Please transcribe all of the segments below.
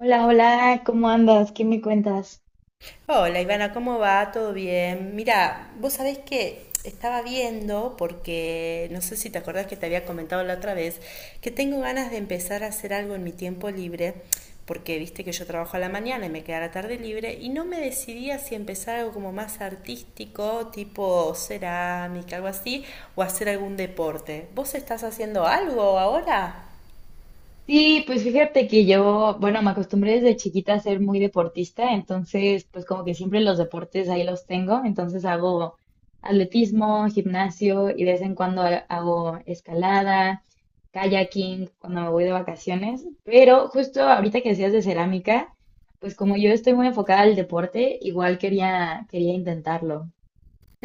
Hola, hola, ¿cómo andas? ¿Qué me cuentas? Hola Ivana, ¿cómo va? ¿Todo bien? Mira, vos sabés que estaba viendo, porque no sé si te acordás que te había comentado la otra vez, que tengo ganas de empezar a hacer algo en mi tiempo libre, porque viste que yo trabajo a la mañana y me queda la tarde libre, y no me decidía si empezar algo como más artístico, tipo cerámica, algo así, o hacer algún deporte. ¿Vos estás haciendo algo ahora? Sí, pues fíjate que yo, bueno, me acostumbré desde chiquita a ser muy deportista, entonces pues como que siempre los deportes ahí los tengo, entonces hago atletismo, gimnasio y de vez en cuando hago escalada, kayaking cuando me voy de vacaciones, pero justo ahorita que decías de cerámica, pues como yo estoy muy enfocada al deporte, igual quería intentarlo.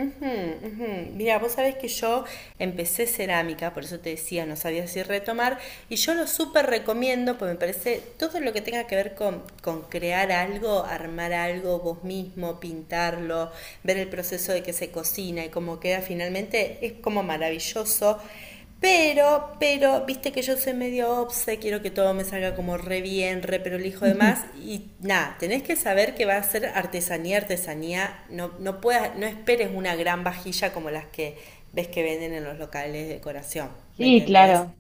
Ujú, ujú. Mira, vos sabés que yo empecé cerámica, por eso te decía, no sabía si retomar, y yo lo súper recomiendo, porque me parece todo lo que tenga que ver con crear algo, armar algo vos mismo, pintarlo, ver el proceso de que se cocina y cómo queda finalmente, es como maravilloso. Pero, viste que yo soy medio obse, quiero que todo me salga como re bien, re pero hijo de más. Y nada, tenés que saber que va a ser artesanía, artesanía. No, no, puedas, no esperes una gran vajilla como las que ves que venden en los locales de decoración, ¿me Sí, entendés? claro.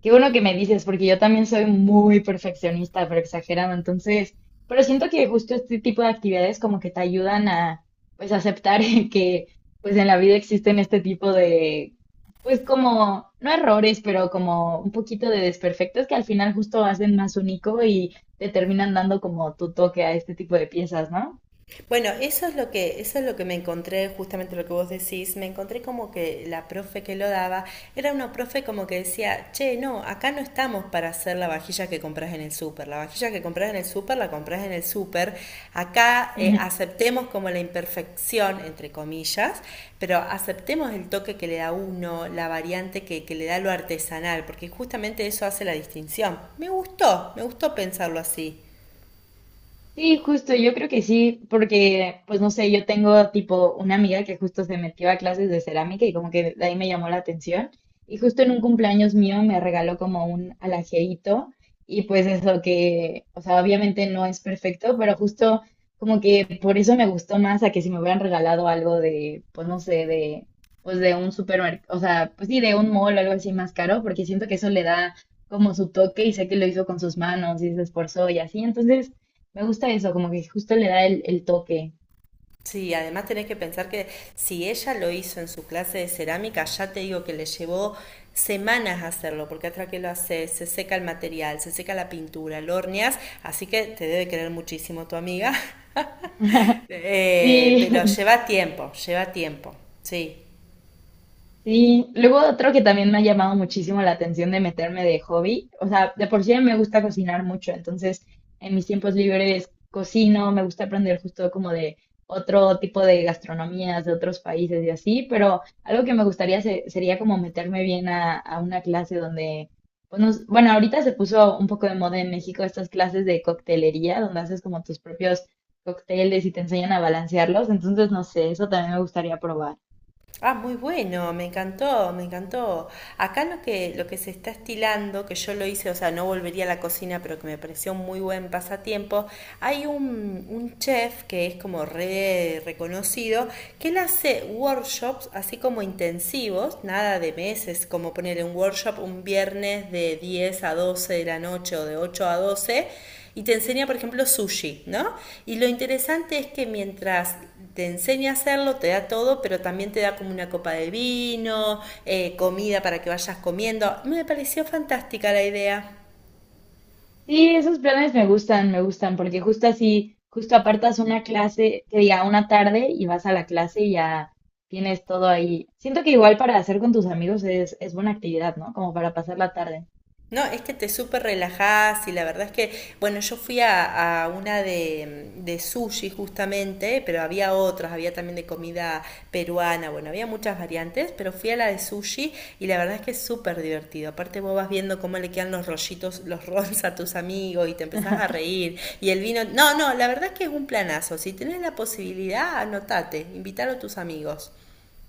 Qué bueno que me dices, porque yo también soy muy perfeccionista, pero exagerado. Entonces, pero siento que justo este tipo de actividades como que te ayudan a, pues, aceptar que, pues, en la vida existen este tipo de, pues, como, no errores, pero como un poquito de desperfectos que al final justo hacen más único y te terminan dando como tu toque a este tipo de piezas, ¿no? Bueno, eso es lo que me encontré, justamente lo que vos decís, me encontré como que la profe que lo daba era una profe como que decía, che, no, acá no estamos para hacer la vajilla que compras en el súper, la vajilla que compras en el súper la compras en el súper, acá aceptemos como la imperfección, entre comillas, pero aceptemos el toque que le da uno, la variante que le da lo artesanal, porque justamente eso hace la distinción. Me gustó pensarlo así. Sí, justo, yo creo que sí, porque, pues no sé, yo tengo tipo una amiga que justo se metió a clases de cerámica y como que de ahí me llamó la atención. Y justo en un cumpleaños mío me regaló como un alajerito y pues eso que, o sea, obviamente no es perfecto, pero justo como que por eso me gustó más a que si me hubieran regalado algo de, pues no sé, de, pues de un supermercado, o sea, pues sí, de un mall o algo así más caro, porque siento que eso le da como su toque y sé que lo hizo con sus manos y se esforzó y así, entonces... Me gusta eso, como que justo le da el toque. Sí, además tenés que pensar que si ella lo hizo en su clase de cerámica, ya te digo que le llevó semanas hacerlo, porque hasta que lo haces, se seca el material, se seca la pintura, lo horneas, así que te debe querer muchísimo tu amiga. Pero Sí, lleva tiempo, sí. sí, luego otro que también me ha llamado muchísimo la atención de meterme de hobby, o sea, de por sí me gusta cocinar mucho, entonces en mis tiempos libres cocino, me gusta aprender justo como de otro tipo de gastronomías de otros países y así, pero algo que me gustaría sería como meterme bien a una clase donde, pues, bueno, ahorita se puso un poco de moda en México estas clases de coctelería, donde haces como tus propios cócteles y te enseñan a balancearlos, entonces no sé, eso también me gustaría probar. Ah, muy bueno, me encantó, me encantó. Acá lo que se está estilando, que yo lo hice, o sea, no volvería a la cocina, pero que me pareció un muy buen pasatiempo, hay un chef que es como re reconocido, que él hace workshops así como intensivos, nada de meses, como ponerle un workshop un viernes de 10 a 12 de la noche o de 8 a 12 y te enseña, por ejemplo, sushi, ¿no? Y lo interesante es que mientras te enseña a hacerlo, te da todo, pero también te da como una copa de vino, comida para que vayas comiendo. Me pareció fantástica la idea. Sí, esos planes me me gustan, porque justo así, justo apartas una clase, que diga una tarde y vas a la clase y ya tienes todo ahí. Siento que igual para hacer con tus amigos es buena actividad, ¿no? Como para pasar la tarde. No, es que te súper relajás y la verdad es que, bueno, yo fui a una de sushi justamente, pero había otras, había también de comida peruana, bueno, había muchas variantes, pero fui a la de sushi y la verdad es que es súper divertido. Aparte vos vas viendo cómo le quedan los rollitos, los rolls a tus amigos y te empezás a reír y el vino. No, no, la verdad es que es un planazo. Si tenés la posibilidad, anotate, invítalo a tus amigos.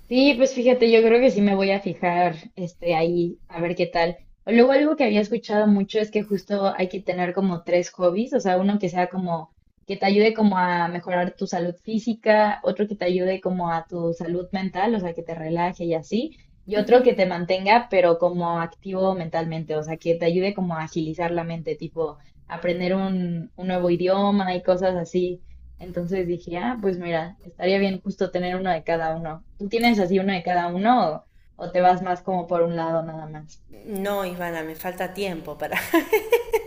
Sí, pues fíjate, yo creo que sí me voy a fijar, este, ahí, a ver qué tal. O luego algo que había escuchado mucho es que justo hay que tener como tres hobbies, o sea, uno que sea como, que te ayude como a mejorar tu salud física, otro que te ayude como a tu salud mental, o sea, que te relaje y así, y otro que te mantenga, pero como activo mentalmente, o sea, que te ayude como a agilizar la mente, tipo aprender un nuevo idioma y cosas así. Entonces dije, ah, pues mira, estaría bien justo tener uno de cada uno. ¿Tú tienes así uno de cada uno o te vas más como por un lado nada más? No, Ivana, me falta tiempo para,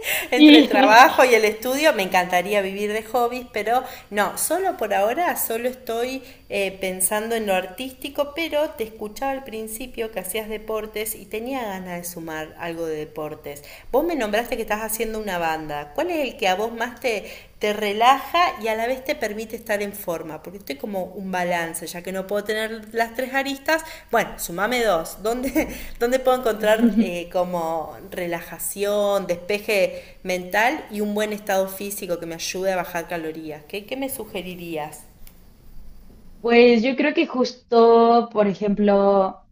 entre el trabajo y el estudio. Me encantaría vivir de hobbies, pero no, solo por ahora, solo estoy pensando en lo artístico, pero te escuchaba al principio que hacías deportes y tenía ganas de sumar algo de deportes. Vos me nombraste que estás haciendo una banda. ¿Cuál es el que a vos más te relaja y a la vez te permite estar en forma, porque estoy como un balance, ya que no puedo tener las tres aristas, bueno, sumame dos, ¿dónde, dónde puedo encontrar Sí, como relajación, despeje mental y un buen estado físico que me ayude a bajar calorías? ¿¿Qué me sugerirías? pues yo creo que justo, por ejemplo,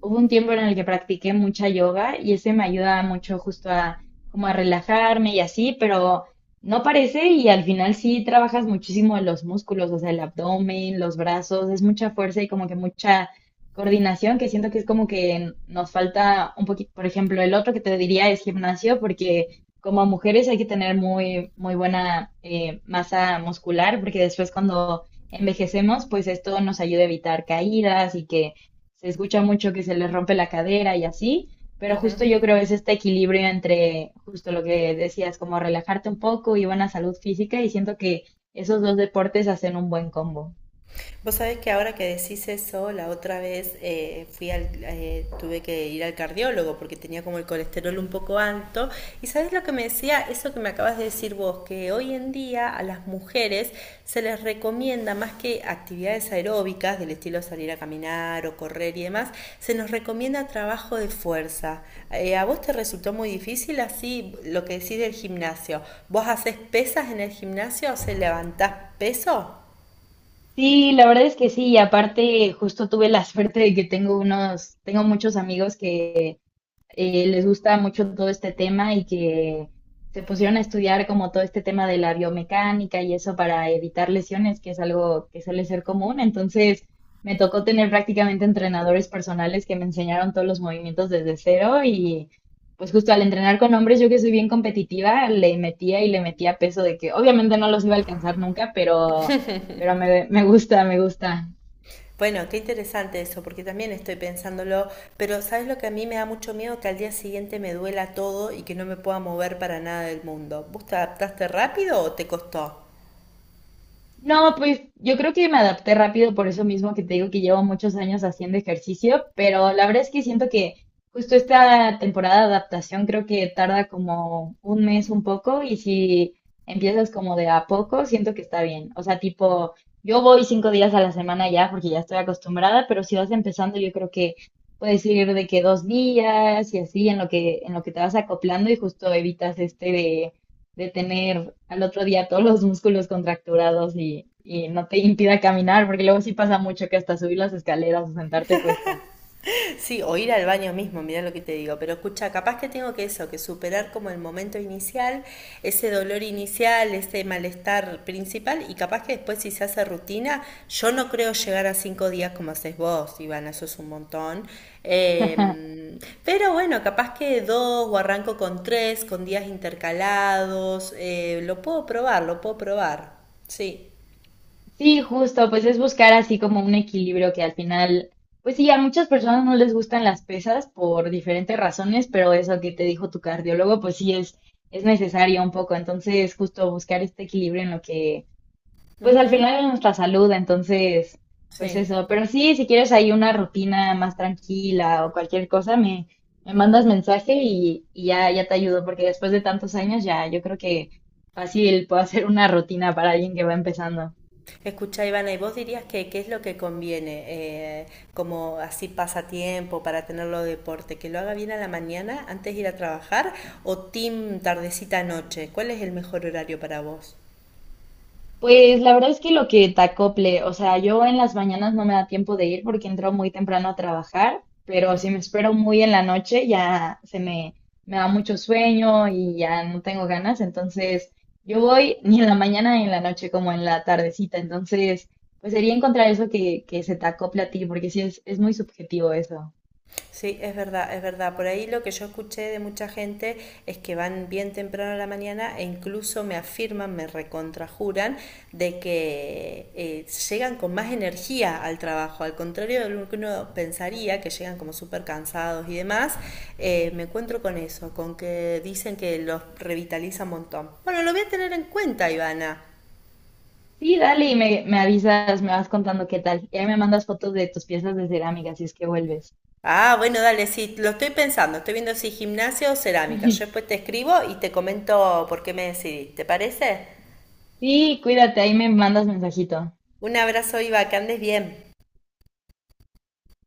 hubo un tiempo en el que practiqué mucha yoga y ese me ayuda mucho justo a como a relajarme y así, pero no parece y al final sí trabajas muchísimo los músculos, o sea, el abdomen, los brazos, es mucha fuerza y como que mucha coordinación que siento que es como que nos falta un poquito, por ejemplo, el otro que te diría es gimnasio porque como mujeres hay que tener muy buena masa muscular porque después cuando envejecemos, pues esto nos ayuda a evitar caídas y que se escucha mucho que se les rompe la cadera y así, pero justo yo creo es este equilibrio entre justo lo que decías, como relajarte un poco y buena salud física y siento que esos dos deportes hacen un buen combo. Vos sabés que ahora que decís eso, la otra vez tuve que ir al cardiólogo porque tenía como el colesterol un poco alto. ¿Y sabés lo que me decía? Eso que me acabas de decir vos, que hoy en día a las mujeres se les recomienda más que actividades aeróbicas del estilo salir a caminar o correr y demás, se nos recomienda trabajo de fuerza. ¿A vos te resultó muy difícil así lo que decís del gimnasio? ¿Vos haces pesas en el gimnasio? ¿Se levantás peso? Sí, la verdad es que sí, y aparte justo tuve la suerte de que tengo unos, tengo muchos amigos que les gusta mucho todo este tema y que se pusieron a estudiar como todo este tema de la biomecánica y eso para evitar lesiones, que es algo que suele ser común. Entonces, me tocó tener prácticamente entrenadores personales que me enseñaron todos los movimientos desde cero y pues justo al entrenar con hombres, yo que soy bien competitiva, le metía y le metía peso de que obviamente no los iba a alcanzar nunca, pero me gusta, me gusta. Bueno, qué interesante eso, porque también estoy pensándolo, pero ¿sabes lo que a mí me da mucho miedo? Que al día siguiente me duela todo y que no me pueda mover para nada del mundo. ¿Vos te adaptaste rápido o te costó? No, pues yo creo que me adapté rápido por eso mismo que te digo que llevo muchos años haciendo ejercicio, pero la verdad es que siento que justo esta temporada de adaptación creo que tarda como un mes un poco y si empiezas como de a poco, siento que está bien. O sea, tipo, yo voy cinco días a la semana ya porque ya estoy acostumbrada, pero si vas empezando yo creo que puedes ir de que dos días y así en lo que te vas acoplando y justo evitas este de tener al otro día todos los músculos contracturados y no te impida caminar, porque luego sí pasa mucho que hasta subir las escaleras o sentarte cuesta. Sí, o ir al baño mismo, mirá lo que te digo. Pero escucha, capaz que tengo que eso, que superar como el momento inicial, ese dolor inicial, ese malestar principal, y capaz que después si se hace rutina, yo no creo llegar a 5 días como haces vos, Ivana, eso es un montón. Eh, pero bueno, capaz que dos o arranco con tres, con días intercalados, lo puedo probar, lo puedo probar. Sí. Sí, justo, pues es buscar así como un equilibrio que al final, pues sí, a muchas personas no les gustan las pesas por diferentes razones, pero eso que te dijo tu cardiólogo, pues sí es necesario un poco. Entonces, justo buscar este equilibrio en lo que pues al Ujú, final es nuestra salud, entonces, pues sí. eso. Pero sí, si quieres ahí una rutina más tranquila o cualquier cosa, me mandas mensaje y ya te ayudo, porque después de tantos años ya yo creo que fácil puedo hacer una rutina para alguien que va empezando. Escuchá Ivana, ¿y vos dirías que qué es lo que conviene como así pasatiempo para tenerlo de deporte? ¿Que lo haga bien a la mañana antes de ir a trabajar o team tardecita noche? ¿Cuál es el mejor horario para vos? Pues la verdad es que lo que te acople, o sea, yo en las mañanas no me da tiempo de ir porque entro muy temprano a trabajar, pero si me espero muy en la noche ya se me da mucho sueño y ya no tengo ganas, entonces yo voy ni en la mañana ni en la noche como en la tardecita, entonces pues sería encontrar eso que se te acople a ti porque sí es muy subjetivo eso. Sí, es verdad, es verdad. Por ahí lo que yo escuché de mucha gente es que van bien temprano a la mañana e incluso me afirman, me recontrajuran de que llegan con más energía al trabajo. Al contrario de lo que uno pensaría, que llegan como súper cansados y demás, me encuentro con eso, con que dicen que los revitaliza un montón. Bueno, lo voy a tener en cuenta, Ivana. Sí, dale y me avisas, me vas contando qué tal, y ahí me mandas fotos de tus piezas de cerámica si es que vuelves. Ah, bueno, dale, sí, lo estoy pensando. Estoy viendo si gimnasia o cerámica. Yo después te escribo y te comento por qué me decidí. ¿Te parece? Sí, cuídate, ahí me mandas mensajito. Un abrazo, Iva, que andes bien.